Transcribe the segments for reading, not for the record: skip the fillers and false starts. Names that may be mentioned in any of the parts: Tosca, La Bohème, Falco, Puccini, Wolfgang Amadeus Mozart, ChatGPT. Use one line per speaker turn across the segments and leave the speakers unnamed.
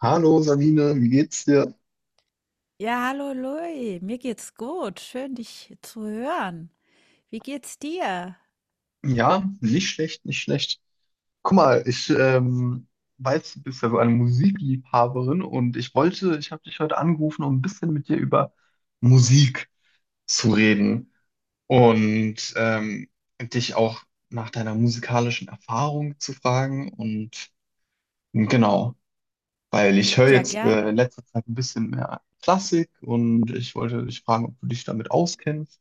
Hallo Sabine, wie geht's dir?
Ja, hallo Louis, mir geht's gut. Schön, dich zu hören. Wie geht's dir?
Ja, nicht schlecht, nicht schlecht. Guck mal, ich weiß, du bist ja so eine Musikliebhaberin und ich wollte, ich habe dich heute angerufen, um ein bisschen mit dir über Musik zu reden und dich auch nach deiner musikalischen Erfahrung zu fragen und genau, weil ich höre
Ja,
jetzt in
gerne.
letzter Zeit ein bisschen mehr Klassik und ich wollte dich fragen, ob du dich damit auskennst.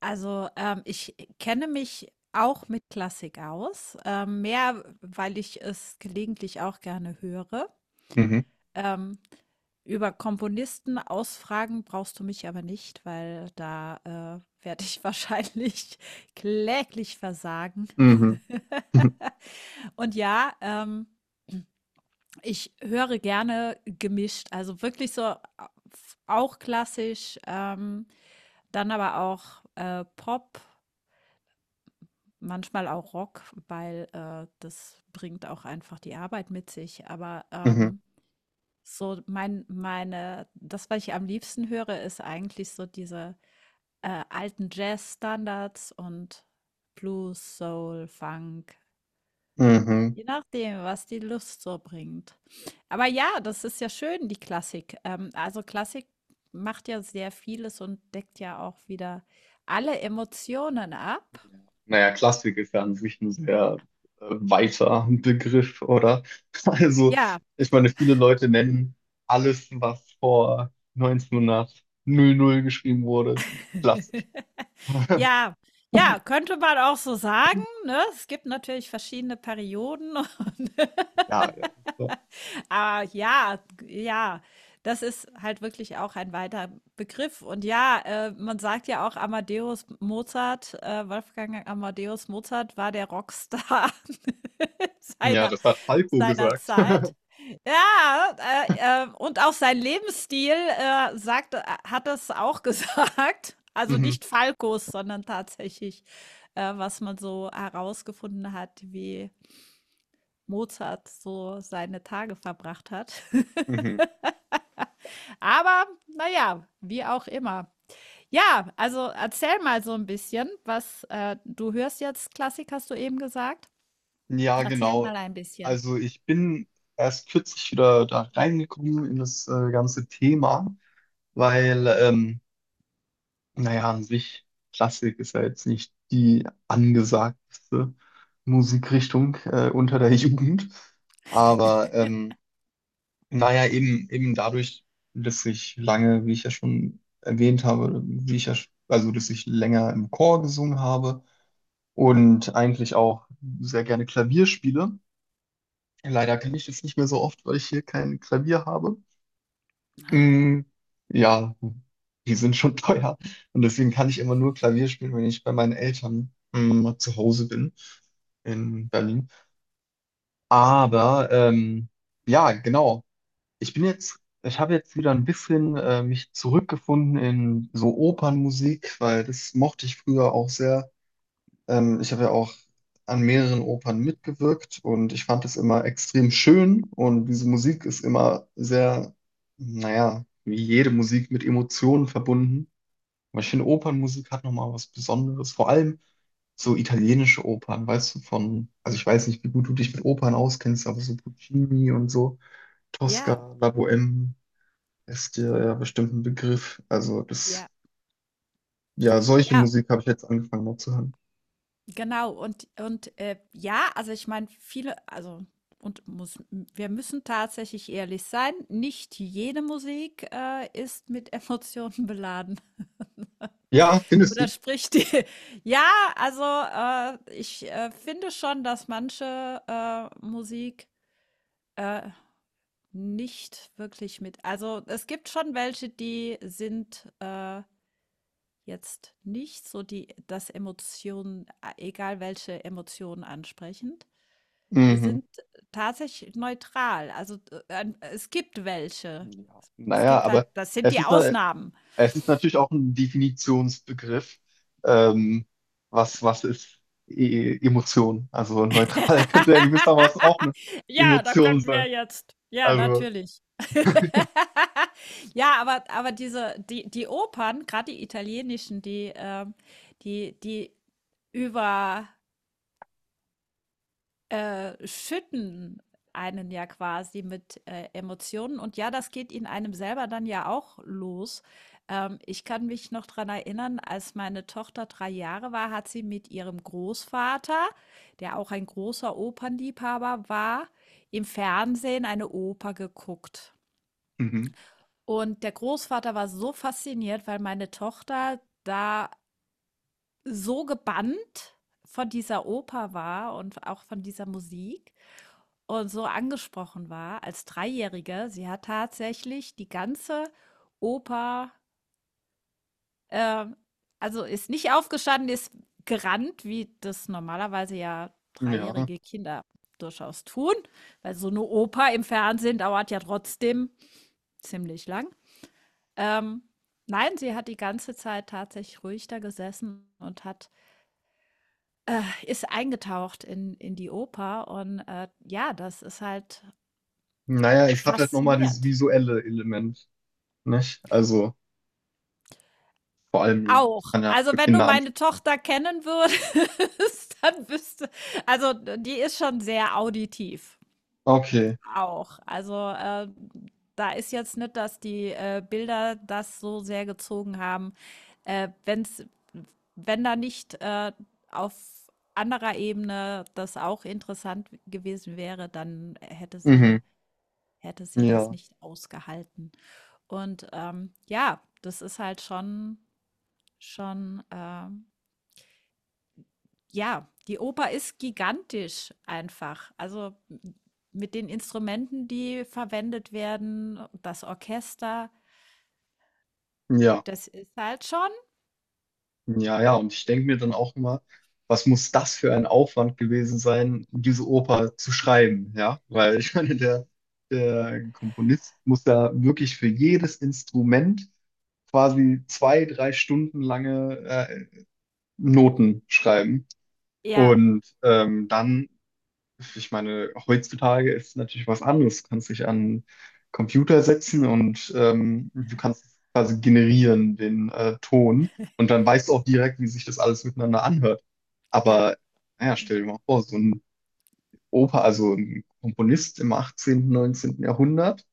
Also, ich kenne mich auch mit Klassik aus, mehr, weil ich es gelegentlich auch gerne höre.
Mhm.
Ähm, Über Komponisten ausfragen brauchst du mich aber nicht, weil da werde ich wahrscheinlich kläglich versagen.
Mhm.
Und ja, ich höre gerne gemischt, also wirklich so auch klassisch, dann aber auch, Pop, manchmal auch Rock, weil, das bringt auch einfach die Arbeit mit sich. Aber,
Mhm.
meine das, was ich am liebsten höre, ist eigentlich so diese, alten standards und Blues, Soul, Funk,
Mhm.
je nachdem, was die Lust so bringt. Aber ja, das ist ja schön, die Klassik. Also Klassik macht ja sehr vieles und deckt ja auch wieder alle Emotionen
Ja.
ab.
Naja, Klassik ist ja an sich ein sehr weiter Begriff, oder? Also,
Ja,
ich meine, viele Leute nennen alles, was vor 1900 geschrieben wurde, klassisch.
ja, ja, könnte man auch so sagen, ne? Es gibt natürlich verschiedene Perioden und
Ja, ja. So.
Ja, das ist halt wirklich auch ein weiter Begriff. Und ja, man sagt ja auch Amadeus Mozart Wolfgang Amadeus Mozart war der Rockstar
Ja,
seiner
das hat Falco
seiner
gesagt.
Zeit. Ja, und auch sein Lebensstil, sagt hat das auch gesagt. Also
Mhm.
nicht Falcos, sondern tatsächlich, was man so herausgefunden hat, wie Mozart so seine Tage verbracht hat.
Mhm.
Aber naja, wie auch immer. Ja, also erzähl mal so ein bisschen, was du hörst jetzt Klassik, hast du eben gesagt?
Ja,
Erzähl
genau.
mal ein bisschen.
Also ich bin erst kürzlich wieder da reingekommen in das ganze Thema, weil naja, an sich, Klassik ist ja jetzt nicht die angesagteste Musikrichtung unter der Jugend. Aber naja, eben, eben dadurch, dass ich lange, wie ich ja schon erwähnt habe, wie ich ja, also dass ich länger im Chor gesungen habe und eigentlich auch sehr gerne Klavier spiele. Leider kann ich das nicht mehr so oft, weil ich hier kein Klavier habe. Mm, ja, die sind schon teuer. Und deswegen kann ich immer nur Klavier spielen, wenn ich bei meinen Eltern mal zu Hause bin in Berlin. Aber ja, genau. Ich bin jetzt, ich habe jetzt wieder ein bisschen mich zurückgefunden in so Opernmusik, weil das mochte ich früher auch sehr. Ich habe ja auch an mehreren Opern mitgewirkt und ich fand es immer extrem schön und diese Musik ist immer sehr, naja, wie jede Musik mit Emotionen verbunden. Aber ich finde, Opernmusik hat nochmal was Besonderes, vor allem so italienische Opern, weißt du, von, also ich weiß nicht, wie gut du dich mit Opern auskennst, aber so Puccini und so,
Ja,
Tosca, La Bohème ist dir ja bestimmt ein Begriff. Also
ja,
das, ja, solche
ja,
Musik habe ich jetzt angefangen mal zu hören.
genau. Und ja, also ich meine, viele also und muss wir müssen tatsächlich ehrlich sein, nicht jede Musik, ist mit Emotionen beladen
Ja, findest du?
oder spricht die ja, also, ich finde schon, dass manche, Musik, äh nicht wirklich mit. Also es gibt schon welche, die sind jetzt nicht so die, das Emotionen, egal welche Emotionen ansprechend. Die
Mhm.
sind tatsächlich neutral. Also es gibt welche.
Ja,
Es
naja,
gibt halt,
aber
das sind
es
die
ist, na-
Ausnahmen.
es ist natürlich auch ein Definitionsbegriff. Ähm, was ist Emotion? Also neutral könnte ja gewissermaßen auch eine
Ja, da
Emotion
könnten wir
sein.
jetzt, ja,
Also,
natürlich. Ja, aber diese die Opern, gerade die italienischen, die, die die über schütten einen ja quasi mit Emotionen. Und ja, das geht in einem selber dann ja auch los. Ich kann mich noch daran erinnern, als meine Tochter 3 Jahre war, hat sie mit ihrem Großvater, der auch ein großer Opernliebhaber war, im Fernsehen eine Oper geguckt.
mhm,
Und der Großvater war so fasziniert, weil meine Tochter da so gebannt von dieser Oper war und auch von dieser Musik, und so angesprochen war als Dreijährige. Sie hat tatsächlich die ganze Oper, ähm, also ist nicht aufgestanden, ist gerannt, wie das normalerweise ja
ja.
dreijährige Kinder durchaus tun, weil so eine Oper im Fernsehen dauert ja trotzdem ziemlich lang. Ähm, nein, sie hat die ganze Zeit tatsächlich ruhig da gesessen und hat, ist eingetaucht in die Oper und ja, das ist halt
Naja, es hat halt nochmal dieses
faszinierend.
visuelle Element, nicht? Also, vor allem,
Auch.
das kann ja
Also,
für
wenn du
Kinder
meine
ansprechen.
Tochter kennen würdest, dann wüsste, also, die ist schon sehr auditiv
Okay,
auch. Also, da ist jetzt nicht, dass die, Bilder das so sehr gezogen haben, wenn's wenn da nicht, auf anderer Ebene das auch interessant gewesen wäre, dann hätte
mhm,
sie hätte sie das
ja,
nicht ausgehalten. Und, ja, das ist halt schon. Ja, die Oper ist gigantisch einfach. Also mit den Instrumenten, die verwendet werden, das Orchester,
ja.
das ist halt schon.
Ja, ja, und ich denke mir dann auch immer, was muss das für ein Aufwand gewesen sein, diese Oper zu schreiben, ja? Weil ich meine, der Komponist muss da wirklich für jedes Instrument quasi zwei, drei Stunden lange Noten schreiben.
Ja,
Und dann ich meine, heutzutage ist natürlich was anderes. Du kannst dich an Computer setzen und du kannst quasi generieren den Ton und dann weißt du auch direkt, wie sich das alles miteinander anhört.
ja,
Aber naja, stell dir mal vor, so ein Oper, also ein Komponist im 18., 19. Jahrhundert,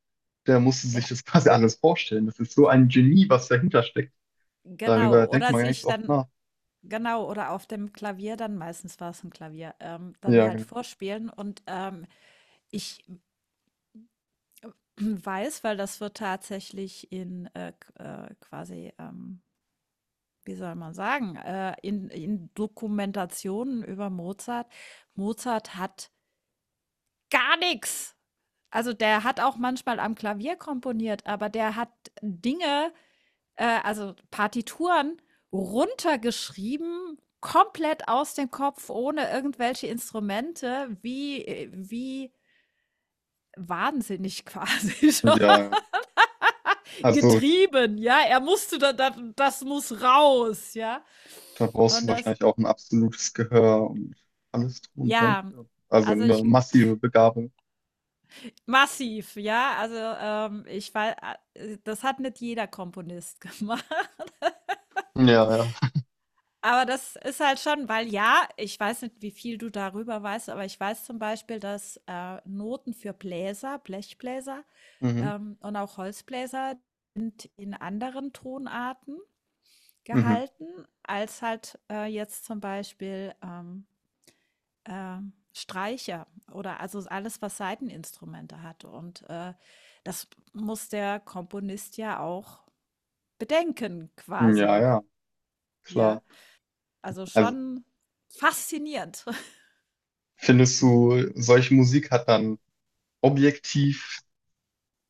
der musste sich
ja,
das quasi alles vorstellen. Das ist so ein Genie, was dahinter steckt.
genau.
Darüber denkt
Oder
man gar nicht
sich
so oft
dann,
nach.
genau, oder auf dem Klavier dann, meistens war es ein Klavier, dann
Ja,
halt
genau.
vorspielen. Und ich weiß, weil das wird tatsächlich in quasi, wie soll man sagen, in Dokumentationen über Mozart. Mozart hat gar nix. Also, der hat auch manchmal am Klavier komponiert, aber der hat Dinge, also Partituren runtergeschrieben, komplett aus dem Kopf, ohne irgendwelche Instrumente, wie wie wahnsinnig quasi schon
Ja, also
getrieben, ja? Er musste da, das muss raus, ja?
da brauchst
Und
du
das,
wahrscheinlich auch ein absolutes Gehör und alles drum und dran.
ja,
Ja. Also
also
eine
ich,
massive Begabung.
massiv, ja? Also, ich wei das hat nicht jeder Komponist gemacht.
Ja, ja.
Aber das ist halt schon, weil ja, ich weiß nicht, wie viel du darüber weißt, aber ich weiß zum Beispiel, dass Noten für Bläser, Blechbläser
Mhm.
und auch Holzbläser in anderen Tonarten
Mhm.
gehalten, als halt jetzt zum Beispiel äh, Streicher oder also alles, was Saiteninstrumente hat. Und das muss der Komponist ja auch bedenken,
Ja,
quasi.
ja, klar.
Ja, also
Also
schon faszinierend.
findest du, solche Musik hat dann objektiv,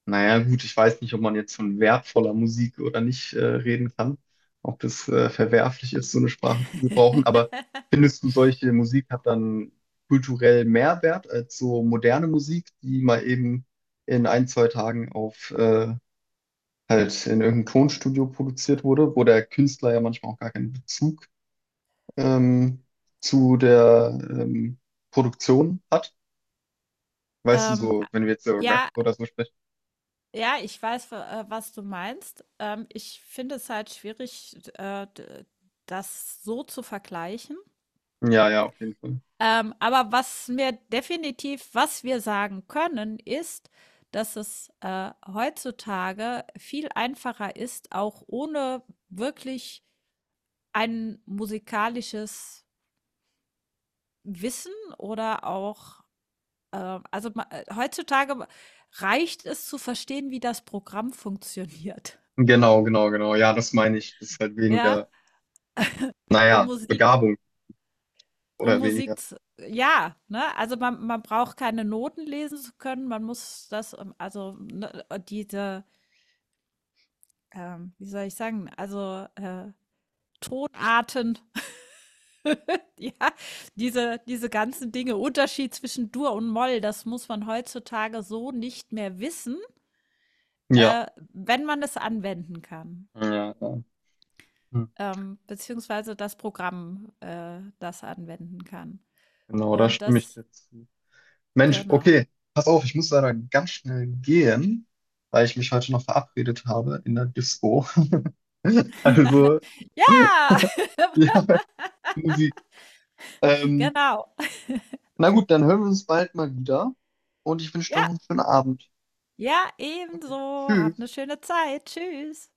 naja gut, ich weiß nicht, ob man jetzt von wertvoller Musik oder nicht reden kann, ob das verwerflich ist, so eine Sprache zu gebrauchen, aber findest du, solche Musik hat dann kulturell mehr Wert als so moderne Musik, die mal eben in ein, zwei Tagen auf halt in irgendeinem Tonstudio produziert wurde, wo der Künstler ja manchmal auch gar keinen Bezug ähm, zu der Produktion hat. Weißt du, so,
A
wenn wir jetzt über Rap
ja,
oder so sprechen.
ja, ich weiß, w was du meinst. Ich finde es halt schwierig, d das so zu vergleichen.
Ja, ja, auf jeden Fall.
Aber was mir definitiv, was wir sagen können, ist, dass es, heutzutage viel einfacher ist, auch ohne wirklich ein musikalisches Wissen oder auch also, ma heutzutage reicht es zu verstehen, wie das Programm funktioniert,
Genau, genau, genau. Ja, das meine ich. Das ist halt
ja,
weniger,
um
naja,
Musik
Begabung
um
oder weniger.
Musik z ja, ne? Also, man braucht keine Noten lesen zu können, man muss das, also, ne, diese, wie soll ich sagen, also, Tonarten, ja, diese ganzen Dinge, Unterschied zwischen Dur und Moll, das muss man heutzutage so nicht mehr wissen,
Ja,
äh, wenn man es anwenden kann.
ja, ja. Hm.
Ähm, beziehungsweise das Programm, das anwenden kann.
Genau, da
Und
stimme ich
das,
dir zu. Mensch,
genau.
okay, pass auf, ich muss leider ganz schnell gehen, weil ich mich heute noch verabredet habe in der Disco. Also,
Ja.
ja. Musik. Ähm,
Genau.
na gut, dann hören wir uns bald mal wieder und ich wünsche noch
Ja.
einen schönen Abend.
Ja,
Okay.
ebenso. Habt eine
Tschüss.
schöne Zeit. Tschüss.